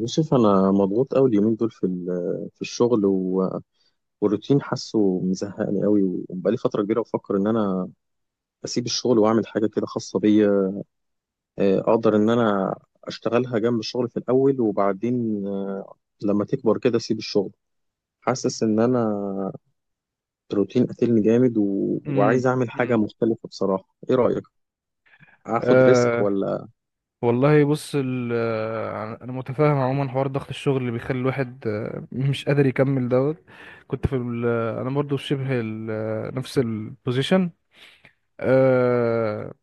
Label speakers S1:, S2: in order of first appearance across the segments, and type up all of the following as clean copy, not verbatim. S1: يوسف، انا مضغوط قوي اليومين دول في الشغل والروتين حاسه مزهقني قوي. وبقالي فتره كبيره بفكر ان انا اسيب الشغل واعمل حاجه كده خاصه بيا. اقدر ان انا اشتغلها جنب الشغل في الاول، وبعدين لما تكبر كده اسيب الشغل. حاسس ان انا الروتين قاتلني جامد وعايز
S2: امم
S1: اعمل حاجه
S2: امم
S1: مختلفه. بصراحه ايه رايك؟ اخد ريسك
S2: أه.
S1: ولا؟
S2: والله بص، انا متفاهم عموما حوار ضغط الشغل اللي بيخلي الواحد مش قادر يكمل دوت. كنت في انا برضو في شبه نفس البوزيشن. أه.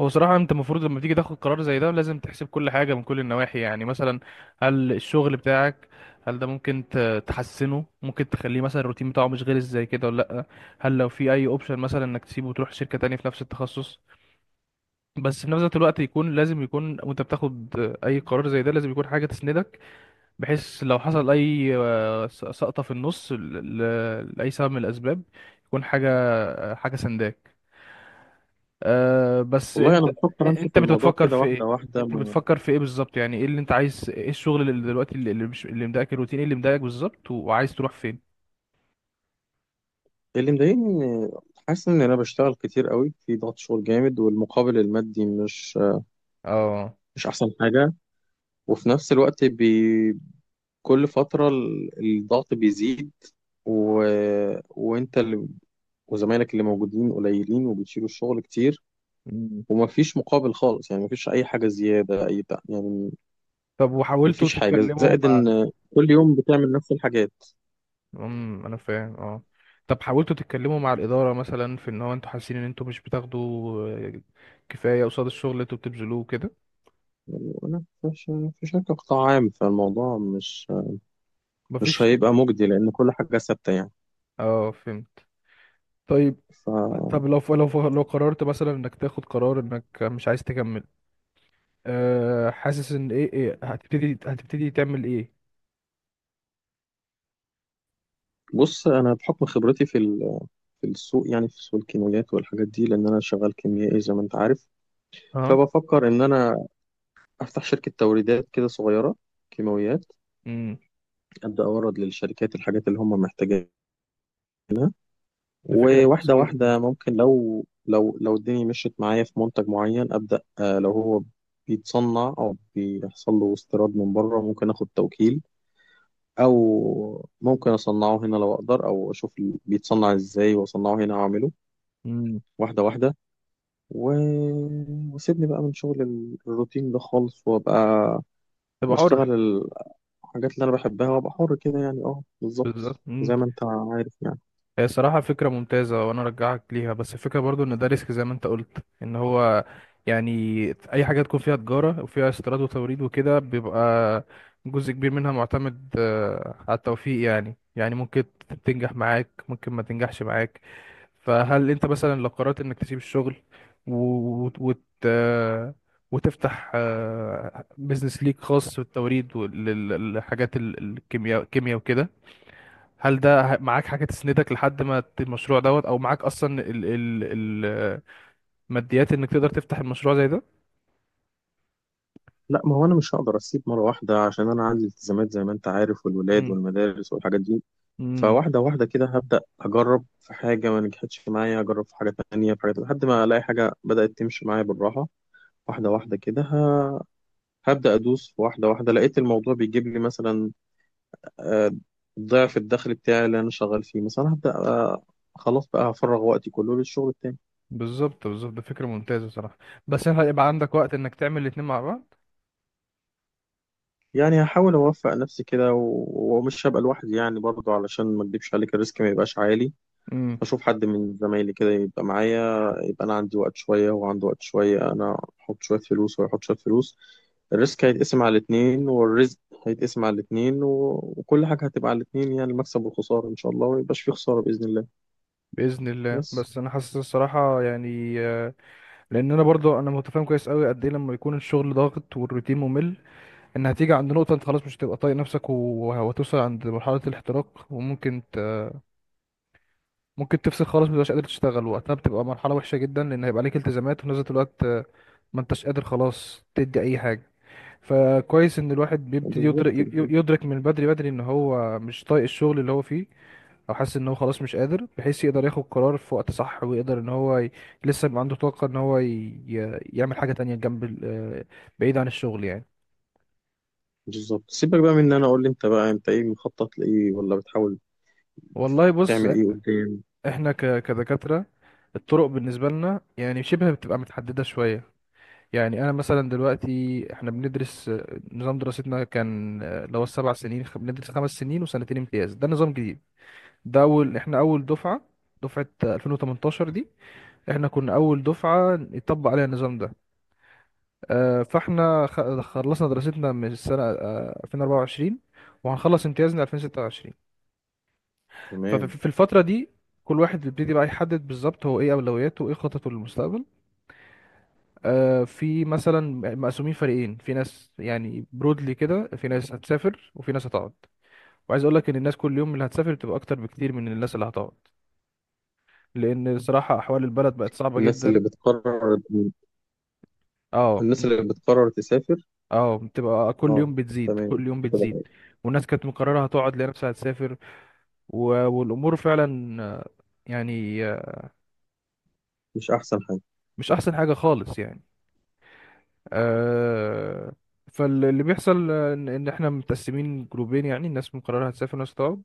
S2: هو صراحة انت المفروض لما تيجي تاخد قرار زي ده لازم تحسب كل حاجة من كل النواحي، يعني مثلا، هل الشغل بتاعك، هل ده ممكن تحسنه، ممكن تخليه مثلا الروتين بتاعه مش غير زي كده ولا لا، هل لو في اي اوبشن مثلا انك تسيبه وتروح شركة تانية في نفس التخصص، بس في نفس الوقت يكون لازم يكون، وانت بتاخد اي قرار زي ده لازم يكون حاجه تسندك، بحيث لو حصل اي سقطه في النص، لاي سبب من الاسباب، يكون حاجه، حاجه سنداك. بس
S1: والله
S2: انت،
S1: انا بفكر امشي
S2: انت
S1: في الموضوع
S2: بتفكر
S1: كده
S2: في
S1: واحده
S2: ايه؟
S1: واحده.
S2: انت بتفكر في ايه بالظبط؟ يعني ايه اللي انت عايز؟ ايه الشغل اللي دلوقتي، اللي اللي مش اللي مضايقك؟ الروتين ايه اللي مضايقك بالظبط، وعايز تروح فين؟
S1: اللي مضايقني إن- حاسس ان انا بشتغل كتير قوي في ضغط شغل جامد، والمقابل المادي مش
S2: اه.
S1: مش احسن حاجه. وفي نفس الوقت كل فتره الضغط بيزيد. و... وانت اللي... وزمايلك اللي موجودين قليلين وبتشيلوا الشغل كتير،
S2: مم.
S1: ومفيش مقابل خالص يعني. مفيش اي حاجه زياده اي بتاع يعني.
S2: طب وحاولتوا
S1: مفيش حاجه
S2: تتكلموا
S1: زائد،
S2: مع...
S1: ان كل يوم بتعمل نفس الحاجات.
S2: انا فاهم. اه. طب حاولتوا تتكلموا مع الإدارة مثلا، في ان هو انتوا حاسين ان انتوا مش بتاخدوا آه، كفاية قصاد الشغل اللي انتوا بتبذلوه كده؟
S1: يعني انا في شركه قطاع عام، فالموضوع مش
S2: مفيش.
S1: هيبقى مجدي لان كل حاجه ثابته يعني.
S2: اه فهمت. طيب.
S1: ف
S2: طب لو لو قررت مثلا انك تاخد قرار انك مش عايز تكمل، حاسس ان ايه، هتبتدي، هتبتدي تعمل ايه؟
S1: بص، انا بحكم خبرتي في السوق، يعني في سوق الكيماويات والحاجات دي، لان انا شغال كيميائي زي ما انت عارف.
S2: اه.
S1: فبفكر ان انا افتح شركه توريدات كده صغيره، كيماويات.
S2: امم
S1: ابدا اورد للشركات الحاجات اللي هم محتاجينها،
S2: دي فكرة كويسة
S1: وواحده
S2: جدا.
S1: واحده. ممكن لو الدنيا مشيت معايا في منتج معين، ابدا لو هو بيتصنع او بيحصل له استيراد من بره، ممكن اخد توكيل. او ممكن اصنعه هنا لو اقدر، او اشوف بيتصنع ازاي واصنعه هنا واعمله.
S2: امم
S1: واحده واحده. و... وسيبني بقى من شغل الروتين ده خالص، وابقى
S2: تبقى حر.
S1: بشتغل الحاجات اللي انا بحبها، وابقى حر كده يعني. اه بالظبط
S2: بالظبط.
S1: زي ما انت عارف يعني.
S2: هي صراحة فكرة ممتازة وأنا أرجعك ليها، بس الفكرة برضو إن ده ريسك زي ما أنت قلت، إن هو، يعني، أي حاجة تكون فيها تجارة وفيها استيراد وتوريد وكده بيبقى جزء كبير منها معتمد على التوفيق، يعني ممكن تنجح معاك، ممكن ما تنجحش معاك. فهل أنت مثلا لو قررت إنك تسيب الشغل و... وت... آه، وتفتح بيزنس ليك خاص بالتوريد والحاجات، الكيمياء وكده، هل ده معاك حاجة تسندك لحد ما المشروع دوت، او معاك اصلا الماديات انك تقدر تفتح المشروع زي ده؟
S1: لا، ما هو انا مش هقدر اسيب مره واحده عشان انا عندي التزامات زي ما انت عارف، والولاد
S2: امم
S1: والمدارس والحاجات دي.
S2: امم
S1: فواحده واحده كده هبدا اجرب. في حاجه ما نجحتش معايا، اجرب في حاجه تانية، في حاجه، لحد ما الاقي حاجه بدات تمشي معايا بالراحه. واحده واحده كده هبدا ادوس. واحده واحده، لقيت الموضوع بيجيب لي مثلا آه، ضعف الدخل بتاعي اللي انا شغال فيه، مثلا هبدا خلاص بقى هفرغ وقتي كله للشغل التاني.
S2: بالظبط، بالظبط، ده فكرة ممتازة صراحة، بس انت هيبقى عندك وقت انك تعمل الاتنين مع بعض؟
S1: يعني هحاول اوفق نفسي كده ومش هبقى لوحدي يعني برضه، علشان ما اكدبش عليك الريسك ما يبقاش عالي.
S2: امم
S1: اشوف حد من زمايلي كده يبقى معايا. يبقى انا عندي وقت شويه، وهو عنده وقت شويه، انا احط شويه فلوس وهو يحط شويه فلوس. الريسك هيتقسم على الاتنين، والرزق هيتقسم على الاتنين. وكل حاجه هتبقى على الاتنين يعني، المكسب والخساره ان شاء الله، وميبقاش في خساره باذن الله.
S2: بإذن الله.
S1: بس.
S2: بس انا حاسس الصراحة، يعني، لان انا برضو انا متفاهم كويس قوي قد ايه لما يكون الشغل ضاغط والروتين ممل، ان هتيجي عند نقطة انت خلاص مش هتبقى طايق نفسك، وهتوصل عند مرحلة الاحتراق، وممكن، ممكن تفصل خالص، مبتبقاش قادر تشتغل، وقتها بتبقى مرحلة وحشة جدا، لأن هيبقى عليك التزامات، وفي نفس الوقت ما انتش قادر خلاص تدي أي حاجة. فكويس إن الواحد بيبتدي يدرك،
S1: بالظبط
S2: يدرك من بدري بدري إن هو مش طايق الشغل اللي هو فيه، أو حاسس إن هو خلاص مش قادر، بحيث يقدر ياخد قرار في وقت صح، ويقدر إن هو ي... لسه يبقى عنده طاقة إن هو ي... يعمل حاجة تانية جنب بعيد عن الشغل يعني.
S1: بالظبط. سيبك بقى من ان انا، اقول لي انت بقى، انت ايه مخطط لايه، ولا بتحاول
S2: والله بص،
S1: تعمل ايه قدام؟
S2: إحنا ك... كدكاترة، الطرق بالنسبة لنا يعني شبه بتبقى متحددة شوية. يعني انا مثلا دلوقتي احنا بندرس، نظام دراستنا كان اللي هو ال7 سنين، بندرس 5 سنين وسنتين امتياز، ده نظام جديد، ده اول، احنا اول دفعه، دفعه 2018 دي، احنا كنا اول دفعه يطبق عليها النظام ده. فاحنا خلصنا دراستنا من السنه 2024، وهنخلص امتيازنا 2026.
S1: تمام.
S2: ففي الفتره دي كل واحد بيبتدي بقى يحدد بالظبط هو ايه اولوياته وايه خططه للمستقبل. في مثلا مقسومين فريقين، في ناس يعني برودلي كده، في ناس هتسافر وفي ناس هتقعد، وعايز اقول لك ان الناس كل يوم اللي هتسافر بتبقى اكتر بكتير من الناس اللي هتقعد، لان صراحة احوال البلد بقت صعبة
S1: الناس
S2: جدا.
S1: اللي بتقرر
S2: اه.
S1: الناس اللي بتقرر تسافر.
S2: اه بتبقى كل
S1: اه،
S2: يوم بتزيد،
S1: تمام.
S2: كل يوم
S1: بتبقى
S2: بتزيد. والناس كانت مقررة هتقعد لقى نفسها هتسافر، و... والامور فعلا، يعني آه،
S1: مش احسن حاجه.
S2: مش احسن حاجة خالص يعني. آه، فاللي بيحصل إن احنا متقسمين جروبين، يعني الناس مقررة هتسافر وناس هتقعد.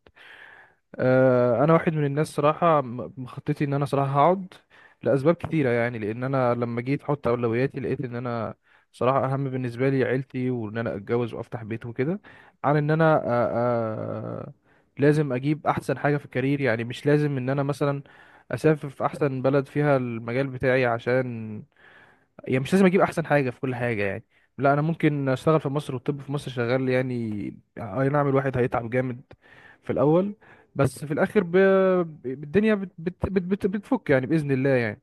S2: انا واحد من الناس صراحه، مخططي ان انا صراحه هقعد لاسباب كتيره، يعني لان انا لما جيت احط اولوياتي لقيت ان انا صراحه اهم بالنسبه لي عيلتي، وان انا اتجوز وافتح بيت وكده، عن ان انا آه، لازم اجيب احسن حاجه في الكارير، يعني مش لازم ان انا مثلا اسافر في احسن بلد فيها المجال بتاعي، عشان يعني مش لازم اجيب احسن حاجه في كل حاجه يعني، لا، انا ممكن اشتغل في مصر، والطب في مصر شغال يعني. اي نعم الواحد هيتعب جامد في الاول، بس في الاخر الدنيا بتفك يعني باذن الله يعني.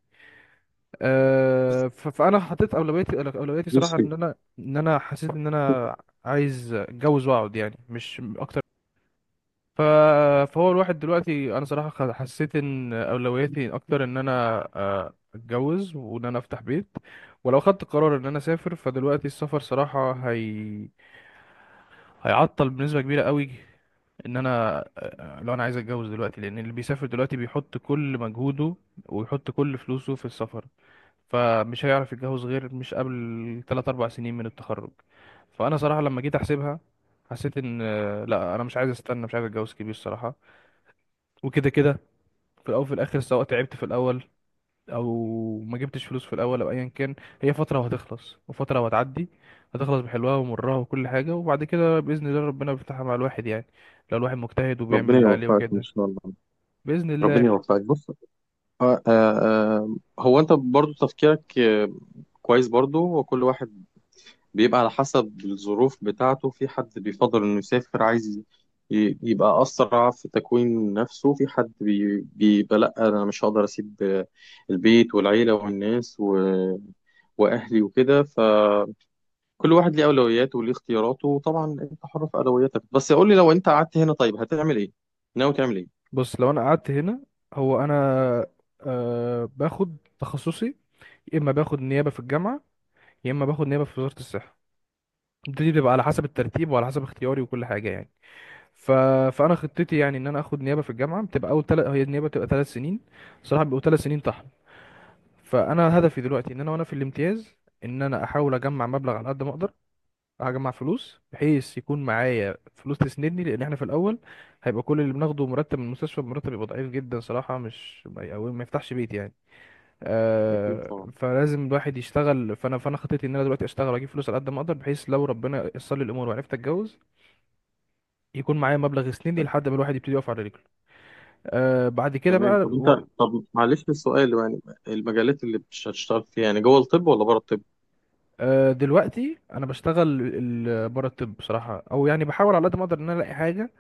S2: فانا حطيت اولوياتي، صراحه
S1: بصي.
S2: ان انا، حسيت ان
S1: بصي،
S2: انا عايز اتجوز واقعد، يعني مش اكتر من ان انا اسافر. ف... فهو الواحد دلوقتي، انا صراحة حسيت ان اولوياتي اكتر ان انا اتجوز وان انا افتح بيت. ولو خدت قرار ان انا اسافر، فدلوقتي السفر صراحة هيعطل بنسبة كبيرة قوي ان انا، لو انا عايز اتجوز دلوقتي، لان اللي بيسافر دلوقتي بيحط كل مجهوده ويحط كل فلوسه في السفر، فمش هيعرف يتجوز غير مش قبل 3 4 سنين من التخرج. فانا صراحة لما جيت احسبها، حسيت ان، لا انا مش عايز استنى، مش عايز اتجوز كبير صراحة، وكده كده، في الاول وفي الاخر، سواء تعبت في الاول او ما جبتش فلوس في الاول او ايا كان، هي فتره وهتخلص، وفتره وهتعدي، هتخلص بحلوها ومرها وكل حاجه، وبعد كده باذن الله ربنا بيفتحها مع الواحد يعني، لو الواحد مجتهد وبيعمل
S1: ربنا
S2: اللي عليه
S1: يوفقك ان
S2: وكده.
S1: شاء الله.
S2: باذن
S1: ربنا
S2: الله.
S1: يوفقك. بص، هو انت برضو تفكيرك كويس برضو. وكل واحد بيبقى على حسب الظروف بتاعته. في حد بيفضل إنه يسافر، عايز يبقى أسرع في تكوين نفسه. في حد بيبقى لأ، أنا مش هقدر أسيب البيت والعيلة والناس وأهلي وكده. فكل واحد ليه أولوياته وليه اختياراته، وطبعا أنت حر في أولوياتك. بس قول لي، لو أنت قعدت هنا طيب هتعمل إيه؟ ناوي تعمل إيه؟
S2: بص لو انا قعدت هنا، هو انا باخد تخصصي، يا اما باخد نيابه في الجامعه، يا اما باخد نيابه في وزاره الصحه، دي بتبقى على حسب الترتيب وعلى حسب اختياري وكل حاجه يعني. ف... فانا خطتي يعني ان انا اخد نيابه في الجامعه، بتبقى هي النيابه بتبقى 3 سنين، صراحه بيبقوا 3 سنين طحن. فانا هدفي دلوقتي، ان انا وانا في الامتياز، ان انا احاول اجمع مبلغ على قد ما اقدر، اجمع فلوس بحيث يكون معايا فلوس تسندني، لان احنا في الاول هيبقى كل اللي بناخده مرتب من المستشفى، مرتب بيبقى ضعيف جدا صراحه، مش ما ي- أو ما يفتحش بيت يعني.
S1: أكيد
S2: آه،
S1: طبعا.
S2: فلازم الواحد يشتغل، فانا خطتي ان انا دلوقتي اشتغل واجيب فلوس على قد ما اقدر، بحيث لو ربنا يسر لي الامور وعرفت اتجوز، يكون معايا مبلغ يسندني لحد ما الواحد يبتدي يقف على رجله. آه، بعد كده بقى
S1: تمام طب أنت.
S2: و...
S1: معلش السؤال يعني، المجالات اللي مش هتشتغل فيها، يعني جوه الطب ولا بره الطب؟
S2: دلوقتي انا بشتغل بره الطب بصراحه، او يعني بحاول على قد ما اقدر ان انا الاقي حاجه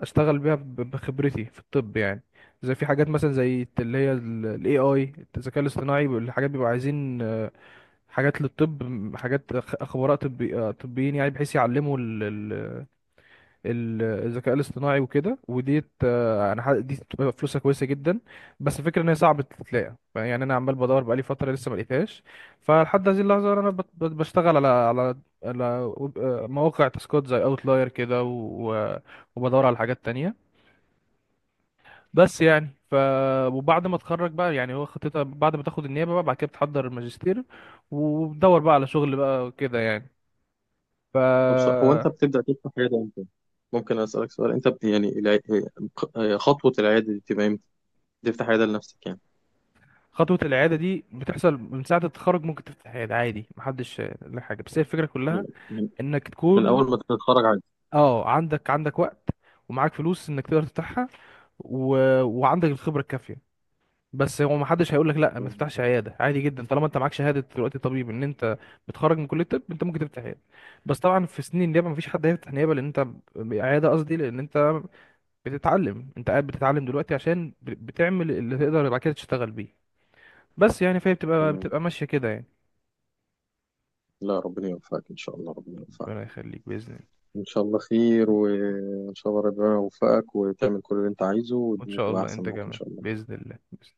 S2: اشتغل بيها بخبرتي في الطب يعني. زي في حاجات مثلا زي اللي هي الاي اي، الذكاء الاصطناعي، الحاجات بيبقوا عايزين حاجات للطب، حاجات خبراء طبي، طبيين يعني، بحيث يعلموا الذكاء الاصطناعي وكده، وديت، دي بتبقى فلوسها كويسه جدا. بس الفكره ان هي صعبه تتلاقي، يعني انا عمال بدور بقالي فتره لسه ما لقيتهاش. فلحد هذه اللحظه انا بشتغل على على مواقع تاسكات زي اوتلاير كده، وبدور على حاجات تانية، بس يعني ف. وبعد ما اتخرج بقى، يعني هو خطتها بعد ما تاخد النيابه بقى، بعد كده بتحضر الماجستير، وبتدور بقى على شغل بقى وكده يعني ف.
S1: طب هو انت بتبدأ تفتح عيادة امتى؟ ممكن اسألك سؤال؟ يعني خطوة العيادة دي بتبقى امتى؟ تفتح عيادة لنفسك يعني.
S2: خطوة الإعادة دي بتحصل من ساعة التخرج، ممكن تفتح عيادة عادي، محدش له حاجة، بس هي الفكرة كلها
S1: من... من...
S2: إنك
S1: من
S2: تكون،
S1: اول ما تتخرج عادي.
S2: اه، عندك وقت ومعاك فلوس إنك تقدر تفتحها، و... وعندك الخبرة الكافية، بس هو محدش هيقولك لأ ما تفتحش عيادة، عادي جدا، طالما أنت معاك شهادة دلوقتي طبيب، إن أنت بتخرج من كلية الطب أنت ممكن تفتح عيادة. بس طبعا في سنين النيابة مفيش حد هيفتح نيابة، لأن أنت، عيادة قصدي، لأن أنت بتتعلم، أنت قاعد بتتعلم دلوقتي عشان بتعمل اللي تقدر بعد كده تشتغل بيه، بس يعني فهي بتبقى
S1: تمام.
S2: بتبقى ماشية كده يعني.
S1: لا، ربنا يوفقك ان شاء الله. ربنا
S2: ربنا
S1: يوفقك.
S2: يخليك بإذن الله.
S1: ان شاء الله خير، وان شاء الله ربنا يوفقك وتعمل كل اللي انت عايزه،
S2: وإن
S1: والدنيا
S2: شاء
S1: تبقى
S2: الله
S1: احسن
S2: أنت
S1: معاك ان
S2: كمان،
S1: شاء الله.
S2: بإذن الله، بإذن الله.